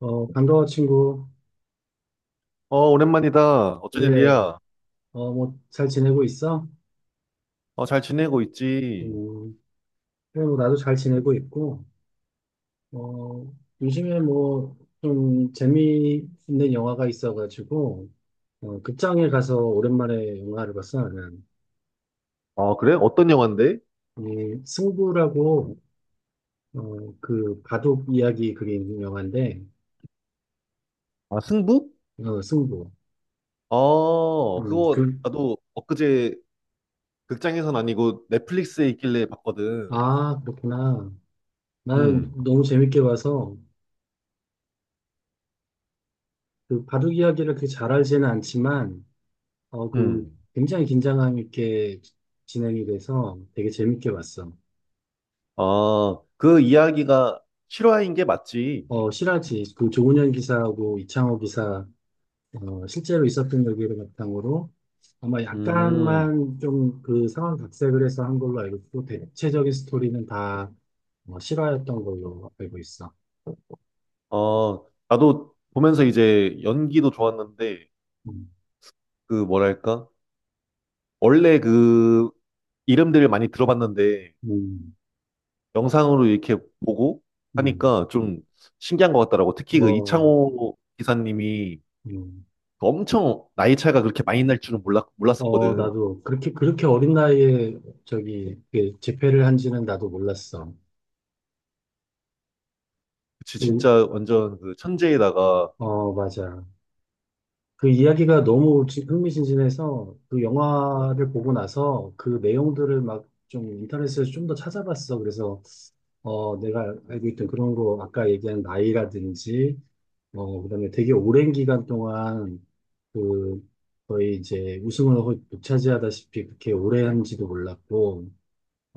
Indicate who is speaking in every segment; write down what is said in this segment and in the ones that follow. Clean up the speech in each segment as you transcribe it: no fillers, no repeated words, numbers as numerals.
Speaker 1: 반가워, 친구.
Speaker 2: 어, 오랜만이다. 어쩐
Speaker 1: 그래,
Speaker 2: 일이야?
Speaker 1: 뭐, 잘 지내고 있어?
Speaker 2: 어, 잘 지내고 있지.
Speaker 1: 음, 그래, 뭐, 나도 잘 지내고 있고, 어, 요즘에 뭐, 좀 재미있는 영화가 있어가지고, 극장에 가서 오랜만에 영화를 봤어, 나는.
Speaker 2: 아, 그래? 어떤 영화인데?
Speaker 1: 이 승부라고, 바둑 이야기 그게 있는 영화인데,
Speaker 2: 아, 승부?
Speaker 1: 승부.
Speaker 2: 어,
Speaker 1: 음,
Speaker 2: 그거
Speaker 1: 그,
Speaker 2: 나도 엊그제 극장에선 아니고 넷플릭스에 있길래 봤거든.
Speaker 1: 아, 그렇구나. 나는
Speaker 2: 음,
Speaker 1: 너무 재밌게 봐서, 그 바둑 이야기를 그렇게 잘 알지는 않지만, 어, 그,
Speaker 2: 음.
Speaker 1: 굉장히 긴장감 있게 진행이 돼서 되게 재밌게 봤어.
Speaker 2: 아, 그 이야기가 실화인 게 맞지?
Speaker 1: 어, 실화지, 그 조훈현 기사하고 이창호 기사, 실제로 있었던 얘기를 바탕으로 아마
Speaker 2: 음,
Speaker 1: 약간만 좀 그 상황 각색을 해서 한 걸로 알고 있고, 대체적인 스토리는 다 실화였던 걸로 알고 있어.
Speaker 2: 나도 보면서 이제 연기도 좋았는데,
Speaker 1: 음,
Speaker 2: 그 뭐랄까? 원래 그 이름들을 많이 들어봤는데,
Speaker 1: 음,
Speaker 2: 영상으로 이렇게 보고
Speaker 1: 음.
Speaker 2: 하니까 좀 신기한 것 같더라고. 특히 그
Speaker 1: 어,
Speaker 2: 이창호 기사님이
Speaker 1: 음.
Speaker 2: 그 엄청 나이 차이가 그렇게 많이 날 줄은 몰랐,
Speaker 1: 어,
Speaker 2: 몰랐었거든.
Speaker 1: 나도 그렇게, 그렇게 어린 나이에 저기, 그 재패를 한지는 나도 몰랐어.
Speaker 2: 그치,
Speaker 1: 그,
Speaker 2: 진짜 완전 그 천재에다가,
Speaker 1: 어, 맞아. 그 이야기가 너무 흥미진진해서 그 영화를 보고 나서 그 내용들을 막 좀 인터넷에서 좀 더 찾아봤어. 그래서 내가 알고 있던 그런 거 아까 얘기한 나이라든지 그다음에 되게 오랜 기간 동안 그 거의 이제 우승을 거의 독차지하다시피 그렇게 오래 한지도 몰랐고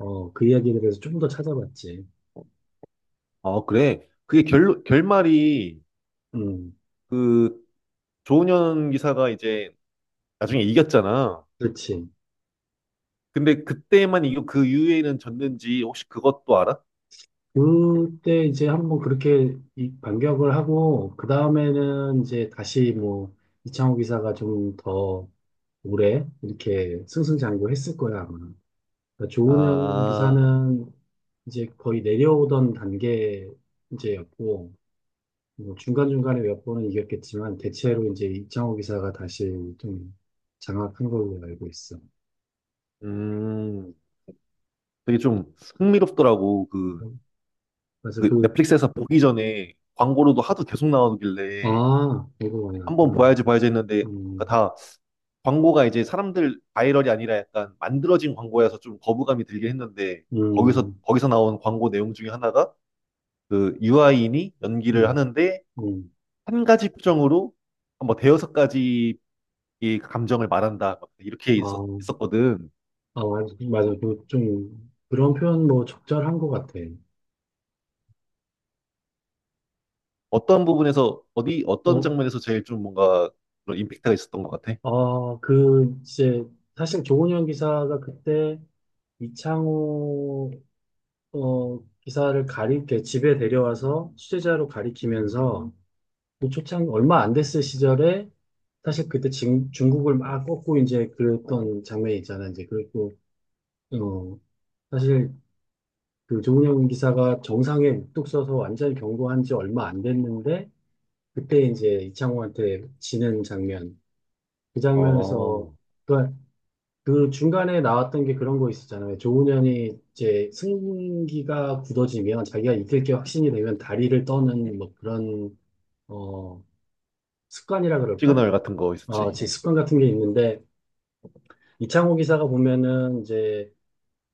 Speaker 1: 그 이야기에 대해서 좀 더 찾아봤지.
Speaker 2: 아, 그래. 그게 결말이
Speaker 1: 음
Speaker 2: 그 조은현 기사가 이제 나중에 이겼잖아.
Speaker 1: 그렇지.
Speaker 2: 근데 그때만 이거 그 이후에는 졌는지 혹시 그것도 알아?
Speaker 1: 그때 이제 한번 그렇게 이 반격을 하고, 그 다음에는 이제 다시 뭐, 이창호 기사가 좀 더 오래 이렇게 승승장구 했을 거야, 아마. 그러니까 조은현
Speaker 2: 아,
Speaker 1: 기사는 이제 거의 내려오던 단계 이제였고, 뭐 중간중간에 몇 번은 이겼겠지만, 대체로 이제 이창호 기사가 다시 좀 장악한 걸로 알고 있어.
Speaker 2: 음, 되게 좀 흥미롭더라고. 그
Speaker 1: 그래서
Speaker 2: 그 넷플릭스에서 보기 전에 광고로도 하도 계속 나오길래
Speaker 1: 아, 이거 많이
Speaker 2: 한번
Speaker 1: 났구나.
Speaker 2: 봐야지 봐야지 했는데
Speaker 1: 음,
Speaker 2: 그다 광고가 이제 사람들 바이럴이 아니라 약간 만들어진 광고여서 좀 거부감이 들긴 했는데 거기서
Speaker 1: 음,
Speaker 2: 거기서 나온 광고 내용 중에 하나가 그 유아인이 연기를
Speaker 1: 음,
Speaker 2: 하는데
Speaker 1: 음.
Speaker 2: 한 가지 표정으로 한뭐 대여섯 가지 이 감정을 말한다 막 이렇게 있었,
Speaker 1: 아,
Speaker 2: 있었거든.
Speaker 1: 아, 맞아. 좀, 그런 표현 뭐 적절한 것 같아.
Speaker 2: 어떤 부분에서 어디 어떤
Speaker 1: 어,
Speaker 2: 장면에서 제일 좀 뭔가 그런 임팩트가 있었던 것 같아?
Speaker 1: 이제, 사실 조은현 기사가 그때 이창호, 기사를 가리게 집에 데려와서 취재자로 가리키면서 그 초창 얼마 안 됐을 시절에 사실 그때 중국을 막 꺾고 이제 그랬던 장면이 있잖아. 이제 그랬고, 어, 사실 그 조은현 기사가 정상에 묵뚝 서서 완전히 경고한 지 얼마 안 됐는데 그때 이제 이창호한테 지는 장면. 그
Speaker 2: 어
Speaker 1: 장면에서, 그러니까 그 중간에 나왔던 게 그런 거 있었잖아요. 조훈현이 이제 승기가 굳어지면 자기가 이길 게 확신이 되면 다리를 떠는 뭐 그런, 어, 습관이라 그럴까?
Speaker 2: 시그널 같은 거
Speaker 1: 어,
Speaker 2: 있었지.
Speaker 1: 제 습관 같은 게 있는데, 이창호 기사가 보면은 이제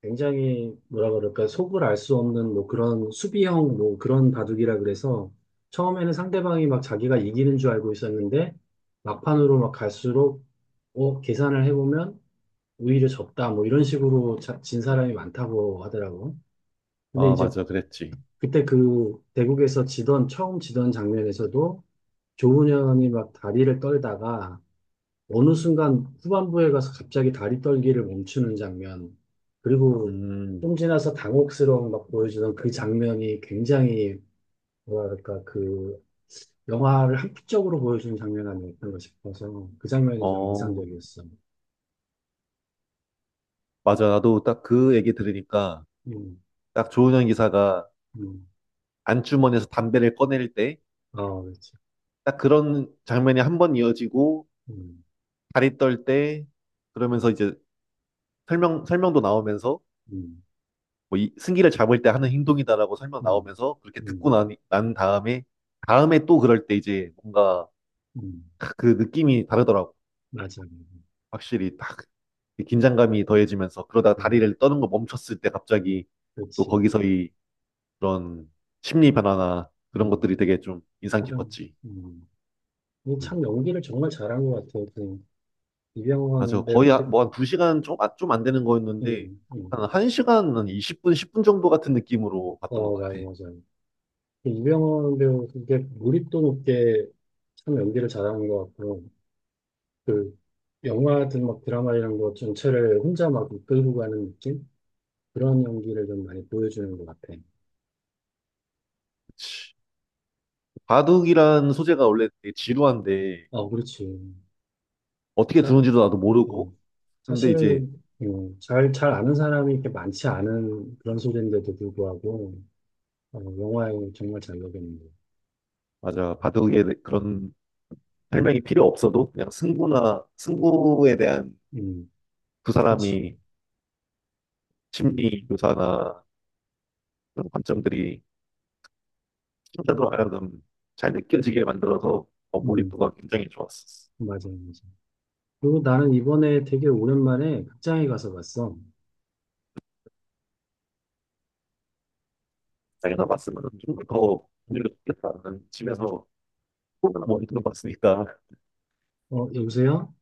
Speaker 1: 굉장히 뭐라 그럴까 속을 알 수 없는 뭐 그런 수비형 뭐 그런 바둑이라 그래서 처음에는 상대방이 막 자기가 이기는 줄 알고 있었는데 막판으로 막 갈수록 계산을 해보면 오히려 졌다 뭐 이런 식으로 진 사람이 많다고 하더라고. 근데
Speaker 2: 아,
Speaker 1: 이제
Speaker 2: 맞아, 그랬지.
Speaker 1: 그때 그 대국에서 지던 처음 지던 장면에서도 조훈현이 막 다리를 떨다가 어느 순간 후반부에 가서 갑자기 다리 떨기를 멈추는 장면, 그리고
Speaker 2: 음,
Speaker 1: 좀 지나서 당혹스러움 막 보여주던 그 장면이 굉장히, 뭐랄까, 그 영화를 한편적으로 보여주는 장면 아니었던가 싶어서 그 장면이 좀
Speaker 2: 어,
Speaker 1: 인상적이었어.
Speaker 2: 맞아. 나도 딱 그 얘기 들으니까
Speaker 1: 음,
Speaker 2: 딱 조은현 기사가
Speaker 1: 음.
Speaker 2: 안주머니에서 담배를 꺼낼 때
Speaker 1: 아, 그렇지.
Speaker 2: 딱 그런 장면이 한 번 이어지고
Speaker 1: 음,
Speaker 2: 다리 떨 때
Speaker 1: 음,
Speaker 2: 그러면서 이제 설명도 나오면서
Speaker 1: 음,
Speaker 2: 뭐 승기를 잡을 때 하는 행동이다라고 설명
Speaker 1: 음,
Speaker 2: 나오면서 그렇게 듣고
Speaker 1: 음,
Speaker 2: 나니, 난 다음에 또 그럴 때 이제 뭔가
Speaker 1: 음.
Speaker 2: 그 느낌이 다르더라고.
Speaker 1: 맞아.
Speaker 2: 확실히 딱 긴장감이 더해지면서 그러다
Speaker 1: 어,
Speaker 2: 다리를 떠는 거 멈췄을 때 갑자기 또
Speaker 1: 그렇지.
Speaker 2: 거기서 이 그런 심리 변화나 그런
Speaker 1: 음,
Speaker 2: 것들이 되게 좀 인상
Speaker 1: 표정.
Speaker 2: 깊었지.
Speaker 1: 음.
Speaker 2: 음.
Speaker 1: 이참 연기를 정말 잘한 것 같아요. 그
Speaker 2: 맞아.
Speaker 1: 이병헌 배-
Speaker 2: 거의 뭐 한 두시간 좀, 좀안 되는 거였는데,
Speaker 1: 음, 음.
Speaker 2: 한 1시간, 한 20분, 10분 정도 같은 느낌으로 봤던 것
Speaker 1: 어, 맞아요,
Speaker 2: 같아.
Speaker 1: 맞아요. 그 이병헌 배우, 그게 몰입도 높게 참 연기를 잘하는 것 같고, 그, 영화든 막 드라마 이런 거 전체를 혼자 막 이끌고 가는 느낌? 그런 연기를 좀 많이 보여주는 것 같아.
Speaker 2: 그치. 바둑이란 소재가 원래 되게 지루한데,
Speaker 1: 어, 그렇지.
Speaker 2: 어떻게
Speaker 1: 사,
Speaker 2: 두는지도 나도 모르고,
Speaker 1: 어,
Speaker 2: 근데
Speaker 1: 사실,
Speaker 2: 이제,
Speaker 1: 잘 아는 사람이 이렇게 많지 않은 그런 소재인데도 불구하고, 영화에 정말 잘 녹였는 거.
Speaker 2: 맞아. 바둑에 그런 설명이 필요 없어도, 그냥 승부나, 승부에 대한
Speaker 1: 음,
Speaker 2: 두
Speaker 1: 그치.
Speaker 2: 사람이 심리 묘사나 그런 관점들이 춤자로 하여금 잘 느껴지게 만들어서
Speaker 1: 음,
Speaker 2: 몰입도가 굉장히 좋았었어.
Speaker 1: 맞아요, 맞아요. 그리고 나는 이번에 되게 오랜만에 극장에 가서 봤어.
Speaker 2: 자기가 봤으면 좀더 분위기가 좋겠다는 집에서 조그만 모니터로 봤으니까
Speaker 1: 여보세요?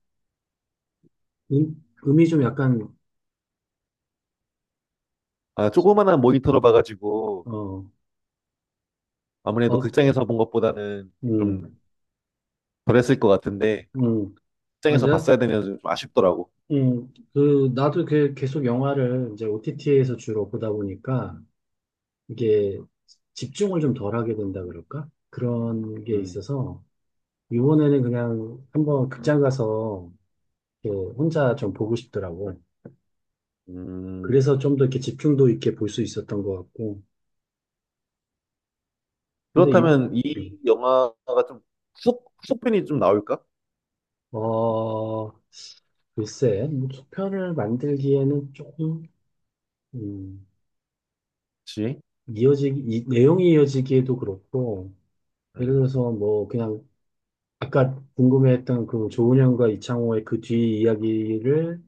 Speaker 1: 음이 좀 약간,
Speaker 2: 아 조그만한 모니터로 봐가지고
Speaker 1: 어,
Speaker 2: 아무래도
Speaker 1: 어,
Speaker 2: 극장에서 본 것보다는 좀
Speaker 1: 음,
Speaker 2: 덜했을 것 같은데
Speaker 1: 음. 아,
Speaker 2: 극장에서
Speaker 1: 내,
Speaker 2: 봤어야 되면 좀 아쉽더라고.
Speaker 1: 나도 그 계속 영화를 이제 OTT에서 주로 보다 보니까 이게 집중을 좀 덜 하게 된다 그럴까? 그런 게
Speaker 2: 음,
Speaker 1: 있어서 이번에는 그냥 한번 극장 가서 이렇게 혼자 좀 보고 싶더라고.
Speaker 2: 음.
Speaker 1: 그래서 좀 더 이렇게 집중도 있게 볼 수 있었던 것 같고. 근데
Speaker 2: 그렇다면
Speaker 1: 음.
Speaker 2: 이 영화가 좀 후속편이 좀 나올까?
Speaker 1: 어, 글쎄, 뭐 속편을 만들기에는 조금, 음,
Speaker 2: 그치?
Speaker 1: 내용이 이어지기에도 그렇고, 예를
Speaker 2: 음.
Speaker 1: 들어서 뭐, 그냥, 아까 궁금해했던 그 조은현과 이창호의 그 뒤 이야기를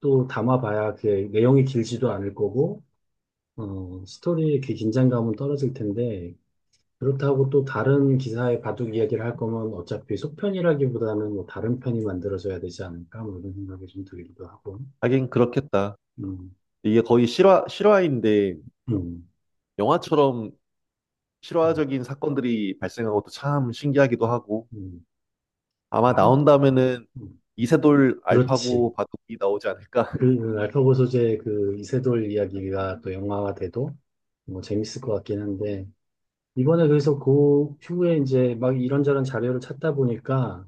Speaker 1: 또 담아봐야 그 내용이 길지도 않을 거고, 스토리의 그 긴장감은 떨어질 텐데, 그렇다고 또 다른 기사의 바둑 이야기를 할 거면 어차피 속편이라기보다는 뭐 다른 편이 만들어져야 되지 않을까, 뭐 이런 생각이 좀 들기도 하고,
Speaker 2: 하긴 그렇겠다.
Speaker 1: 음.
Speaker 2: 이게 거의 실화인데
Speaker 1: 음.
Speaker 2: 영화처럼
Speaker 1: 음,
Speaker 2: 실화적인 사건들이 발생한 것도 참 신기하기도 하고
Speaker 1: 음,
Speaker 2: 아마
Speaker 1: 많이,
Speaker 2: 나온다면은
Speaker 1: 음,
Speaker 2: 이세돌
Speaker 1: 그렇지.
Speaker 2: 알파고 바둑이 나오지 않을까?
Speaker 1: 알파고 소재의 그 이세돌 이야기가 또 영화가 돼도 뭐 재밌을 것 같긴 한데, 이번에 그래서 그 후에 이제 막 이런저런 자료를 찾다 보니까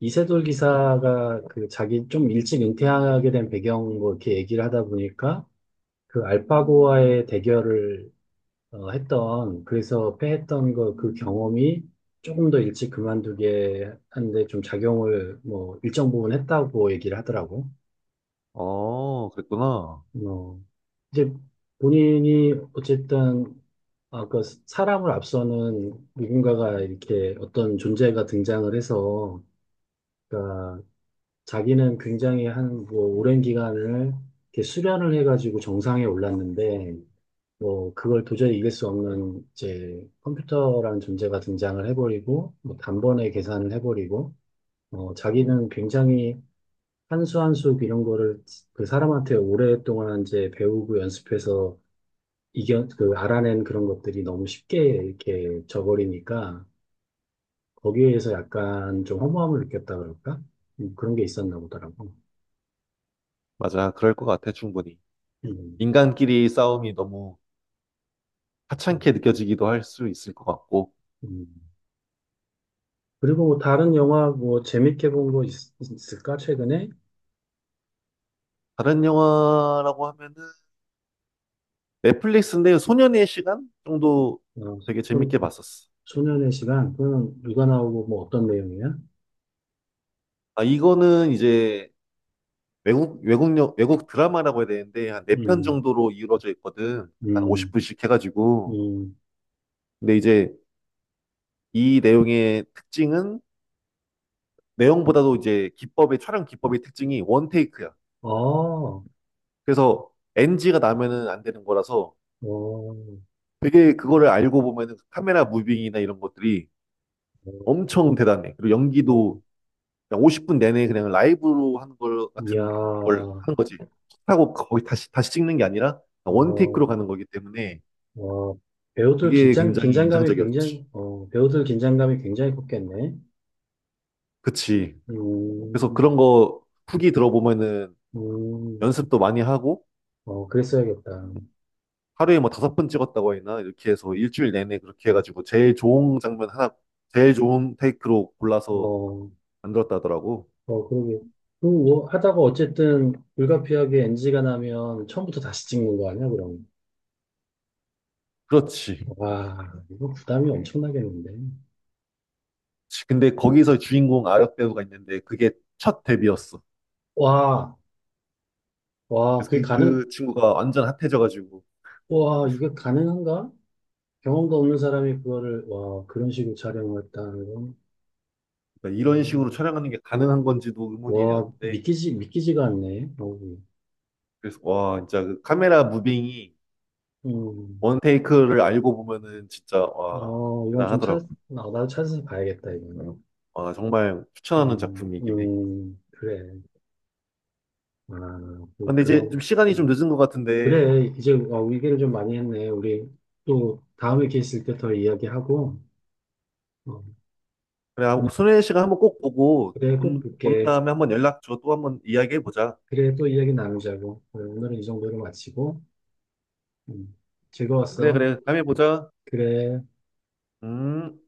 Speaker 1: 이세돌 기사가 그 자기 좀 일찍 은퇴하게 된 배경 뭐 이렇게 얘기를 하다 보니까 그 알파고와의 대결을 했던, 그래서 패했던 거, 그 경험이 조금 더 일찍 그만두게 하는데 좀 작용을 뭐 일정 부분 했다고 얘기를 하더라고.
Speaker 2: 어, 그랬구나.
Speaker 1: 어, 이제 본인이 어쨌든 아까 사람을 앞서는 누군가가 이렇게 어떤 존재가 등장을 해서, 그러니까 자기는 굉장히 한 뭐 오랜 기간을 이렇게 수련을 해가지고 정상에 올랐는데 뭐 그걸 도저히 이길 수 없는 이제 컴퓨터라는 존재가 등장을 해버리고 뭐 단번에 계산을 해버리고 자기는 굉장히 한수 한 수 이런 거를 그 사람한테 오랫동안 이제 배우고 연습해서 이겨 그 알아낸 그런 것들이 너무 쉽게 이렇게 져버리니까 거기에서 약간 좀 허무함을 느꼈다 그럴까? 그런 게 있었나 보더라고.
Speaker 2: 맞아, 그럴 것 같아, 충분히.
Speaker 1: 음,
Speaker 2: 인간끼리 싸움이 너무
Speaker 1: 음.
Speaker 2: 하찮게 느껴지기도 할 수 있을 것 같고
Speaker 1: 음. 그리고 뭐 다른 영화 뭐 재밌게 본 거 있을까 최근에?
Speaker 2: 다른 영화라고 하면은 넷플릭스인데 소년의 시간 정도 되게
Speaker 1: 어,
Speaker 2: 재밌게 봤었어.
Speaker 1: 소년의 시간, 그건 누가 나오고 뭐 어떤 내용이야?
Speaker 2: 아, 이거는 이제 외국 드라마라고 해야 되는데, 한 네 편
Speaker 1: 음,
Speaker 2: 정도로 이루어져 있거든. 한
Speaker 1: 음,
Speaker 2: 50분씩 해가지고.
Speaker 1: 음,
Speaker 2: 근데 이제 이 내용의 특징은 내용보다도 이제 기법의 촬영 기법의 특징이 원테이크야.
Speaker 1: 아, 어,
Speaker 2: 그래서 NG가 나면은 안 되는 거라서
Speaker 1: 어,
Speaker 2: 되게 그거를 알고 보면은 카메라 무빙이나 이런 것들이 엄청 대단해. 그리고
Speaker 1: 어,
Speaker 2: 연기도 그냥 50분 내내 그냥 라이브로 하는 걸
Speaker 1: 이야,
Speaker 2: 같은 걸 하는 거지. 하고 거의 다시 찍는 게 아니라
Speaker 1: 어,
Speaker 2: 원테이크로 가는 거기 때문에
Speaker 1: 어,
Speaker 2: 그게 굉장히 인상적이었지.
Speaker 1: 배우들 긴장감이 굉장히 컸겠네.
Speaker 2: 그치. 그래서
Speaker 1: 음,
Speaker 2: 그런 거 후기 들어보면은
Speaker 1: 음,
Speaker 2: 연습도 많이 하고
Speaker 1: 어, 그랬어야겠다.
Speaker 2: 하루에 뭐 다섯 번 찍었다고 했나? 이렇게 해서 일주일 내내 그렇게 해가지고 제일 좋은 장면 하나, 제일 좋은 테이크로 골라서
Speaker 1: 어,
Speaker 2: 만들었다더라고.
Speaker 1: 어, 그러게. 뭐 하다가 어쨌든 불가피하게 NG가 나면 처음부터 다시 찍는 거 아니야, 그럼?
Speaker 2: 그렇지.
Speaker 1: 와, 이거 부담이 엄청나겠는데.
Speaker 2: 그렇지. 근데 거기서 주인공 아역 배우가 있는데 그게 첫 데뷔였어.
Speaker 1: 와, 와,
Speaker 2: 그래서 그, 그 친구가 완전 핫해져가지고
Speaker 1: 와, 이게 가능한가? 경험도 없는 사람이 그거를, 와, 그런 식으로 촬영을 했다는 건,
Speaker 2: 그러니까 이런
Speaker 1: 어,
Speaker 2: 식으로 촬영하는 게 가능한 건지도
Speaker 1: 와,
Speaker 2: 의문이었는데
Speaker 1: 믿기지가 않네, 어,
Speaker 2: 그래서 와 진짜 그 카메라 무빙이
Speaker 1: 음,
Speaker 2: 원 테이크를 알고 보면은 진짜 와
Speaker 1: 이건 좀
Speaker 2: 대단하더라고.
Speaker 1: 나도 찾아서 봐야겠다, 이거는.
Speaker 2: 와 정말 추천하는 작품이긴 해.
Speaker 1: 그래. 아, 그,
Speaker 2: 근데 이제 좀
Speaker 1: 그런,
Speaker 2: 시간이 좀
Speaker 1: 음.
Speaker 2: 늦은 것 같은데
Speaker 1: 그래. 이제, 얘기를 좀 많이 했네. 우리 또 다음에 기회 있을 때 더 이야기하고, 어,
Speaker 2: 그래, 아,
Speaker 1: 음,
Speaker 2: 손혜 씨가 한번 꼭 보고
Speaker 1: 그래, 꼭
Speaker 2: 본
Speaker 1: 볼게.
Speaker 2: 다음에 한번 연락 줘. 또 한번 이야기해 보자.
Speaker 1: 그래, 또 이야기 나누자고. 그래, 오늘은 이 정도로 마치고. 음,
Speaker 2: 그래,
Speaker 1: 즐거웠어.
Speaker 2: 그래. 다음에 보자.
Speaker 1: 그래.
Speaker 2: 음.